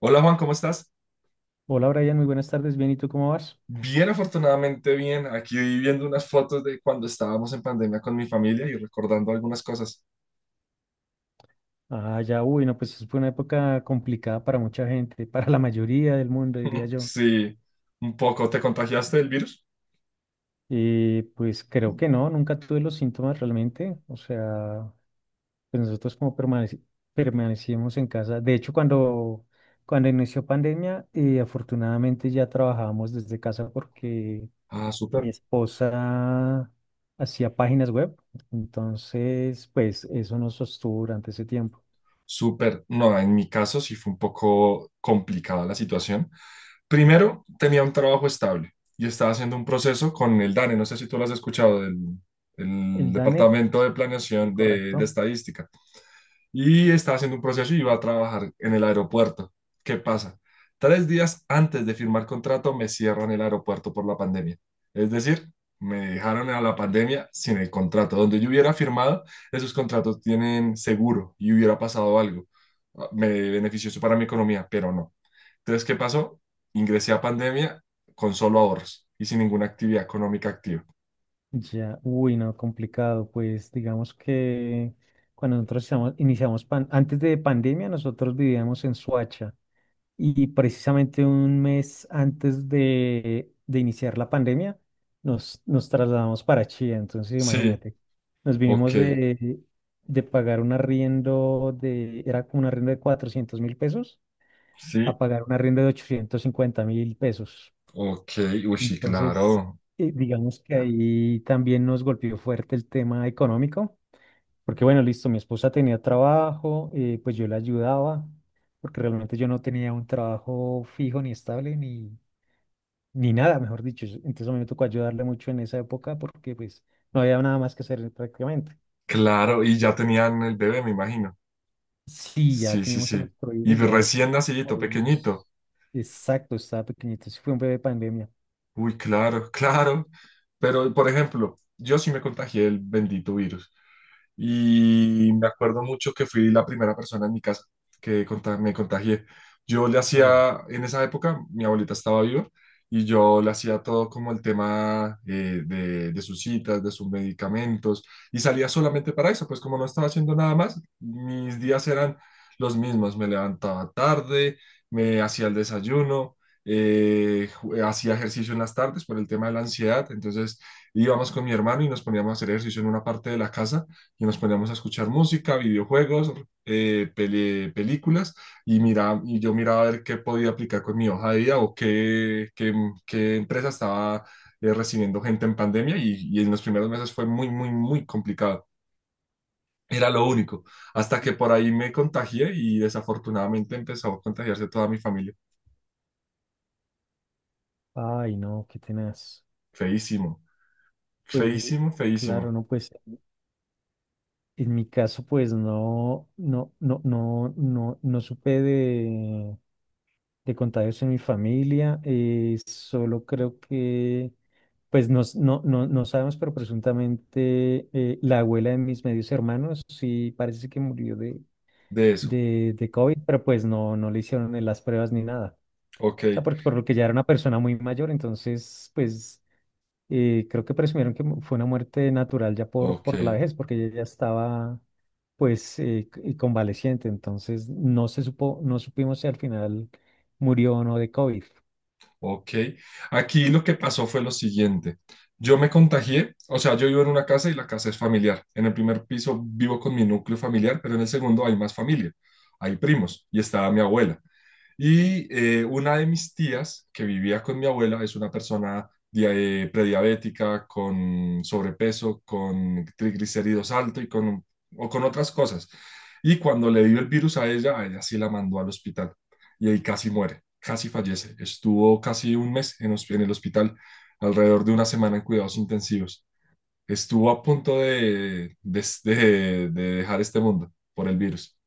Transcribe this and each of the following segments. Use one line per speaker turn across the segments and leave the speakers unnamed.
Hola Juan, ¿cómo estás?
Hola Brian, muy buenas tardes. Bien, ¿y tú cómo vas?
Bien, afortunadamente bien. Aquí viendo unas fotos de cuando estábamos en pandemia con mi familia y recordando algunas cosas.
Ah, ya, uy, no, pues fue una época complicada para mucha gente, para la mayoría del mundo, diría yo.
Sí, un poco. ¿Te contagiaste del virus?
Y pues creo que no, nunca tuve los síntomas realmente. O sea, pues nosotros como permanecimos en casa. De hecho, cuando inició pandemia, afortunadamente ya trabajábamos desde casa porque
Ah,
mi
súper.
esposa hacía páginas web. Entonces, pues eso nos sostuvo durante ese tiempo.
Súper, no, en mi caso sí fue un poco complicada la situación. Primero, tenía un trabajo estable y estaba haciendo un proceso con el DANE, no sé si tú lo has escuchado, del,
El
el
DANE,
Departamento de
sí,
Planeación de
correcto.
Estadística y estaba haciendo un proceso y iba a trabajar en el aeropuerto. ¿Qué pasa? Tres días antes de firmar contrato me cierran el aeropuerto por la pandemia. Es decir, me dejaron a la pandemia sin el contrato. Donde yo hubiera firmado, esos contratos tienen seguro y hubiera pasado algo. Ah, me benefició eso para mi economía, pero no. Entonces, ¿qué pasó? Ingresé a pandemia con solo ahorros y sin ninguna actividad económica activa.
Ya, uy, no, complicado. Pues digamos que cuando nosotros antes de pandemia, nosotros vivíamos en Suacha y precisamente un mes antes de iniciar la pandemia, nos trasladamos para Chía. Entonces,
Sí,
imagínate, nos vinimos
ok,
de pagar un arriendo de, era como un arriendo de 400.000 pesos,
sí,
a pagar un arriendo de 850.000 pesos.
ok, uy, sí,
Entonces,
claro.
digamos que ahí también nos golpeó fuerte el tema económico, porque bueno, listo, mi esposa tenía trabajo, pues yo la ayudaba, porque realmente yo no tenía un trabajo fijo ni estable, ni nada, mejor dicho. Entonces a mí me tocó ayudarle mucho en esa época porque pues no había nada más que hacer prácticamente.
Claro, y ya tenían el bebé, me imagino.
Sí, ya
Sí, sí,
teníamos el
sí.
nuestro hijo,
Y
ya él
recién
por
nacidito,
ahí
pequeñito.
unos- Exacto, estaba pequeñito, sí fue un bebé pandemia.
Uy, claro, claro. Pero, por ejemplo, yo sí me contagié el bendito virus. Y me acuerdo mucho que fui la primera persona en mi casa que me contagié. Yo le
Au.
hacía, en esa época, mi abuelita estaba viva y yo le hacía todo como el tema de sus citas, de sus medicamentos y salía solamente para eso, pues como no estaba haciendo nada más, mis días eran los mismos, me levantaba tarde, me hacía el desayuno. Hacía ejercicio en las tardes por el tema de la ansiedad, entonces íbamos con mi hermano y nos poníamos a hacer ejercicio en una parte de la casa y nos poníamos a escuchar música, videojuegos, películas y, mira, y yo miraba a ver qué podía aplicar con mi hoja de vida o qué empresa estaba recibiendo gente en pandemia y en los primeros meses fue muy, muy, muy complicado. Era lo único, hasta que por ahí me contagié y desafortunadamente empezó a contagiarse toda mi familia.
Ay, no, qué tenaz.
Feísimo,
Pues,
feísimo,
claro,
feísimo
no, pues en mi caso, pues no supe de contagios en mi familia. Solo creo que, pues no, no sabemos, pero presuntamente la abuela de mis medios hermanos sí parece que murió de,
de eso.
de, de COVID, pero pues no le hicieron las pruebas ni nada.
Ok,
O sea, porque por lo que ya era una persona muy mayor, entonces, pues. Y creo que presumieron que fue una muerte natural ya por,
ok.
por la vejez, porque ella ya estaba pues y convaleciente. Entonces no se supo, no supimos si al final murió o no de COVID.
Ok. Aquí lo que pasó fue lo siguiente. Yo me contagié, o sea, yo vivo en una casa y la casa es familiar. En el primer piso vivo con mi núcleo familiar, pero en el segundo hay más familia, hay primos y estaba mi abuela. Y una de mis tías que vivía con mi abuela es una persona prediabética, con sobrepeso, con triglicéridos alto y con, o con otras cosas. Y cuando le dio el virus a ella sí la mandó al hospital y ahí casi muere, casi fallece. Estuvo casi un mes en el hospital, alrededor de una semana en cuidados intensivos. Estuvo a punto de dejar este mundo por el virus.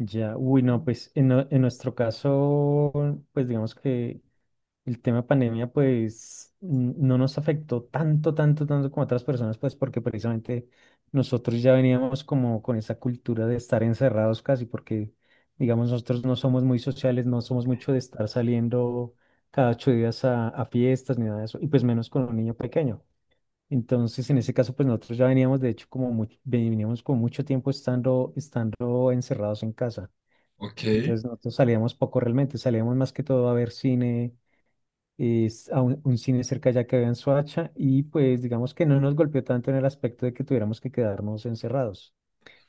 Ya, uy, no, pues en nuestro caso, pues digamos que el tema pandemia, pues, no nos afectó tanto, tanto, tanto como otras personas, pues, porque precisamente nosotros ya veníamos como con esa cultura de estar encerrados casi, porque, digamos, nosotros no somos muy sociales, no somos mucho de estar saliendo cada 8 días a fiestas ni nada de eso, y pues menos con un niño pequeño. Entonces, en ese caso, pues nosotros ya veníamos, de hecho, como mucho, veníamos con mucho tiempo estando encerrados en casa.
Ok,
Entonces, nosotros salíamos poco realmente, salíamos más que todo a ver cine es a un cine cerca ya que había en Soacha, y pues digamos que no nos golpeó tanto en el aspecto de que tuviéramos que quedarnos encerrados,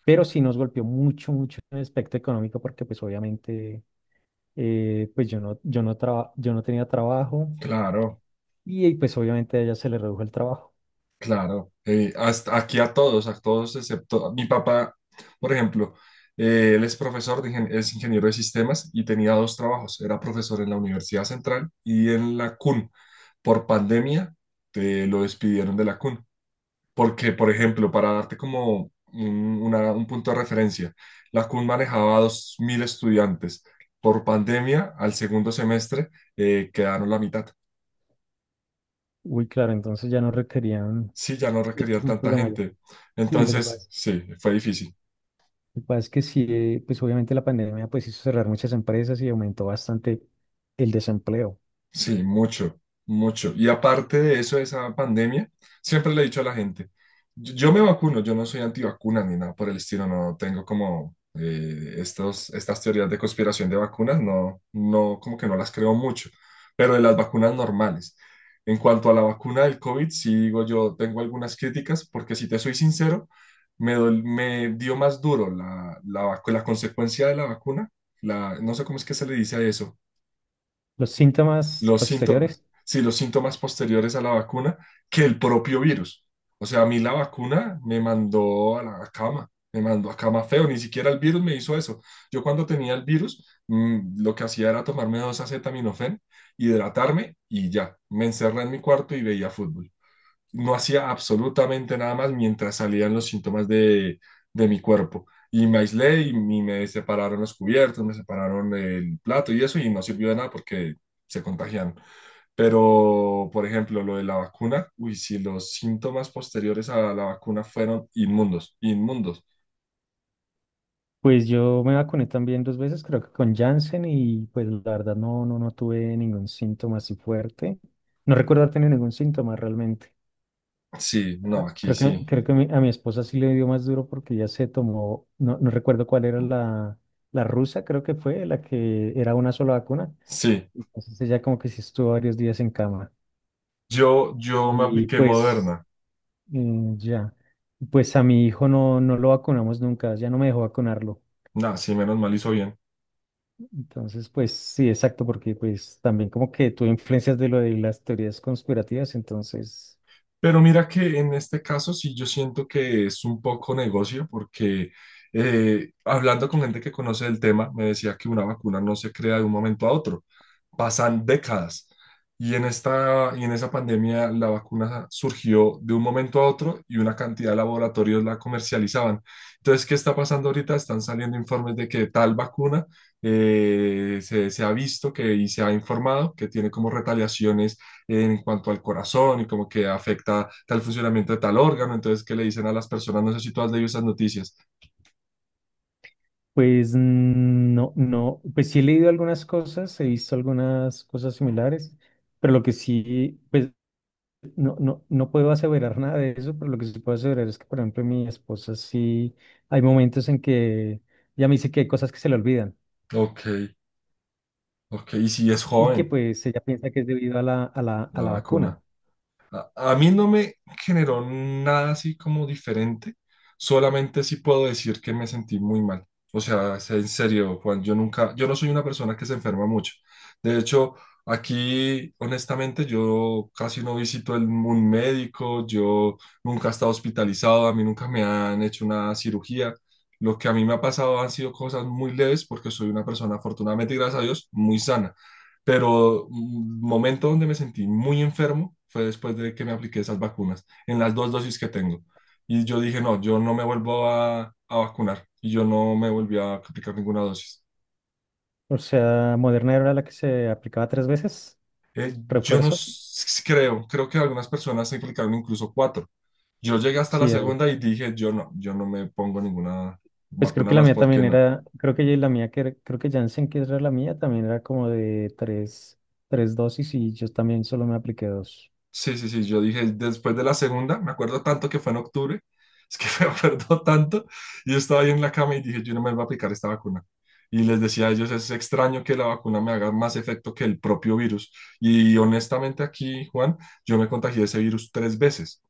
pero sí nos golpeó mucho, mucho en el aspecto económico porque pues obviamente pues yo no tenía trabajo,
claro.
y pues obviamente a ella se le redujo el trabajo.
Claro, hasta aquí a todos excepto mi papá, por ejemplo, él es profesor, es ingeniero de sistemas y tenía dos trabajos, era profesor en la Universidad Central y en la CUN. Por pandemia te lo despidieron de la CUN, porque, por ejemplo, para darte como un punto de referencia, la CUN manejaba 2000 estudiantes. Por pandemia, al segundo semestre, quedaron la mitad.
Uy, claro, entonces ya no requerían.
Sí, ya no
Sí,
requerían
un
tanta
problema ya.
gente.
Sí, lo que
Entonces,
pasa,
sí, fue difícil.
lo que pasa es que sí, pues obviamente la pandemia pues hizo cerrar muchas empresas y aumentó bastante el desempleo.
Sí, mucho, mucho. Y aparte de eso, de esa pandemia, siempre le he dicho a la gente, yo me vacuno, yo no soy antivacuna ni nada por el estilo, no tengo como estas teorías de conspiración de vacunas, no, no, como que no las creo mucho, pero de las vacunas normales. En cuanto a la vacuna del COVID, sí digo yo, tengo algunas críticas, porque si te soy sincero, me dio más duro la consecuencia de la vacuna, la, no sé cómo es que se le dice a eso,
Los síntomas
los síntomas,
posteriores.
sí, los síntomas posteriores a la vacuna que el propio virus. O sea, a mí la vacuna me mandó a la cama, me mandó a cama feo, ni siquiera el virus me hizo eso. Yo cuando tenía el virus, lo que hacía era tomarme 2 acetaminofén, hidratarme y ya, me encerré en mi cuarto y veía fútbol. No hacía absolutamente nada más mientras salían los síntomas de mi cuerpo. Y me aislé y me separaron los cubiertos, me separaron el plato y eso, y no sirvió de nada porque se contagiaron. Pero, por ejemplo, lo de la vacuna, uy, si los síntomas posteriores a la vacuna fueron inmundos, inmundos.
Pues yo me vacuné también dos veces, creo que con Janssen, y pues la verdad no tuve ningún síntoma así fuerte. No recuerdo haber tenido ningún síntoma realmente.
Sí, no,
Ah,
aquí
Creo que,
sí,
creo que mi- a mi esposa sí le dio más duro porque ella se tomó, no recuerdo cuál era la rusa, creo que fue la que era una sola vacuna.
sí.
Entonces ella como que sí estuvo varios días en cama.
Yo me
Y
apliqué
pues
Moderna.
ya, pues a mi hijo no lo vacunamos nunca, ya no me dejó vacunarlo.
Nah, sí, menos mal hizo bien.
Entonces, pues sí, exacto, porque pues también como que tuve influencias de lo de las teorías conspirativas, entonces,
Pero mira que en este caso sí yo siento que es un poco negocio porque hablando con gente que conoce el tema, me decía que una vacuna no se crea de un momento a otro, pasan décadas. Y en esta, y en esa pandemia la vacuna surgió de un momento a otro y una cantidad de laboratorios la comercializaban. Entonces, ¿qué está pasando ahorita? Están saliendo informes de que tal vacuna se ha visto que, y se ha informado que tiene como retaliaciones en cuanto al corazón y como que afecta tal funcionamiento de tal órgano, entonces qué le dicen a las personas, no sé si tú has leído esas noticias.
pues no, no, pues sí he leído algunas cosas, he visto algunas cosas similares, pero lo que sí, pues no puedo aseverar nada de eso, pero lo que sí puedo aseverar es que, por ejemplo, mi esposa sí, hay momentos en que ella me dice que hay cosas que se le olvidan
Ok, ok, y si es
y que
joven
pues ella piensa que es debido a la, a la, a
la
la vacuna.
vacuna. A mí no me generó nada así como diferente, solamente sí puedo decir que me sentí muy mal. O sea, es en serio, Juan, yo nunca, yo no soy una persona que se enferma mucho. De hecho, aquí, honestamente, yo casi no visito el, un médico, yo nunca he estado hospitalizado, a mí nunca me han hecho una cirugía. Lo que a mí me ha pasado han sido cosas muy leves porque soy una persona, afortunadamente, y gracias a Dios, muy sana, pero un momento donde me sentí muy enfermo fue después de que me apliqué esas vacunas, en las 2 dosis que tengo. Y yo dije, no, yo no me vuelvo a vacunar. Y yo no me volví a aplicar ninguna dosis.
O sea, Moderna era la que se aplicaba tres veces,
Yo no
refuerzo.
s- creo, creo que algunas personas se aplicaron incluso cuatro. Yo llegué hasta
Sí,
la segunda y dije, yo no, yo no me pongo ninguna
pues creo
vacuna
que la
más,
mía
¿por qué
también
no?
era, creo que ya la mía, creo que Janssen, que era la mía, también era como de tres dosis, y yo también solo me apliqué dos.
Sí, sí, sí, yo dije después de la segunda, me acuerdo tanto que fue en octubre, es que me acuerdo tanto, y yo estaba ahí en la cama y dije, yo no me voy a aplicar esta vacuna. Y les decía a ellos, es extraño que la vacuna me haga más efecto que el propio virus. Y honestamente aquí, Juan, yo me contagié de ese virus 3 veces,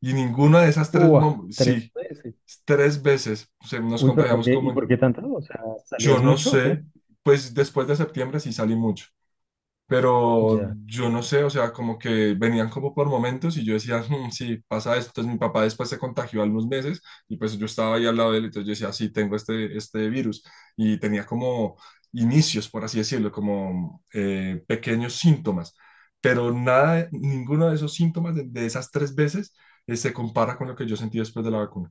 y ninguna de esas 3,
¡Uah! Tres
sí,
veces.
3 veces, o sea, nos
Uy, pero ¿por
contagiamos
qué? ¿Y
como,
por qué tanto? O sea,
yo
¿salías
no
mucho o qué?
sé, pues después de septiembre sí salí mucho. Pero
Ya,
yo no sé, o sea, como que venían como por momentos y yo decía, "Hmm, sí, pasa esto". Entonces mi papá después se contagió a unos meses y pues yo estaba ahí al lado de él, entonces yo decía, sí, tengo este, este virus. Y tenía como inicios, por así decirlo, como pequeños síntomas. Pero nada, ninguno de esos síntomas de esas tres veces se compara con lo que yo sentí después de la vacuna.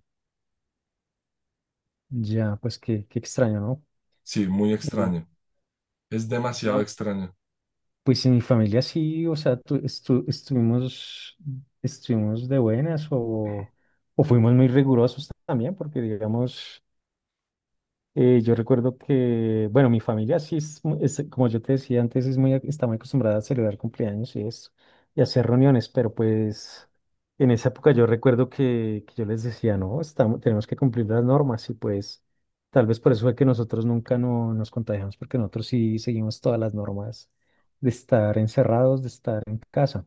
ya, pues qué extraño, ¿no?
Sí, muy
Eh,
extraño. Es demasiado
no,
extraño.
pues en mi familia sí, o sea, estuvimos de buenas, o fuimos muy rigurosos también, porque digamos... yo recuerdo que, bueno, mi familia sí es, es, como yo te decía antes, es está muy acostumbrada a celebrar cumpleaños y eso, y hacer reuniones, pero pues en esa época yo recuerdo que yo les decía, no, tenemos que cumplir las normas, y pues tal vez por eso fue que nosotros nunca no, nos contagiamos, porque nosotros sí seguimos todas las normas de estar encerrados, de estar en casa.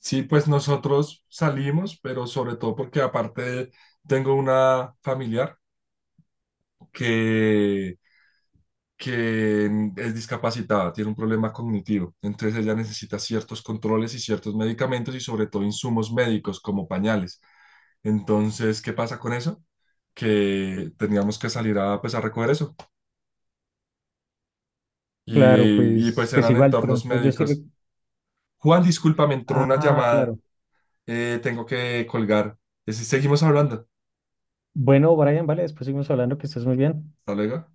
Sí, pues nosotros salimos, pero sobre todo porque aparte tengo una familiar que, que es discapacitada, tiene un problema cognitivo, entonces ella necesita ciertos controles y ciertos medicamentos y sobre todo insumos médicos como pañales. Entonces, ¿qué pasa con eso? Que teníamos que salir a, pues, a recoger eso
Claro,
y,
pues,
pues
pues
eran
igual, por
entornos
ejemplo,
médicos. Juan, disculpa, me entró una
Ah,
llamada,
claro.
tengo que colgar. Sí, seguimos hablando.
Bueno, Brian, vale, después seguimos hablando, que estés muy bien.
Hasta luego.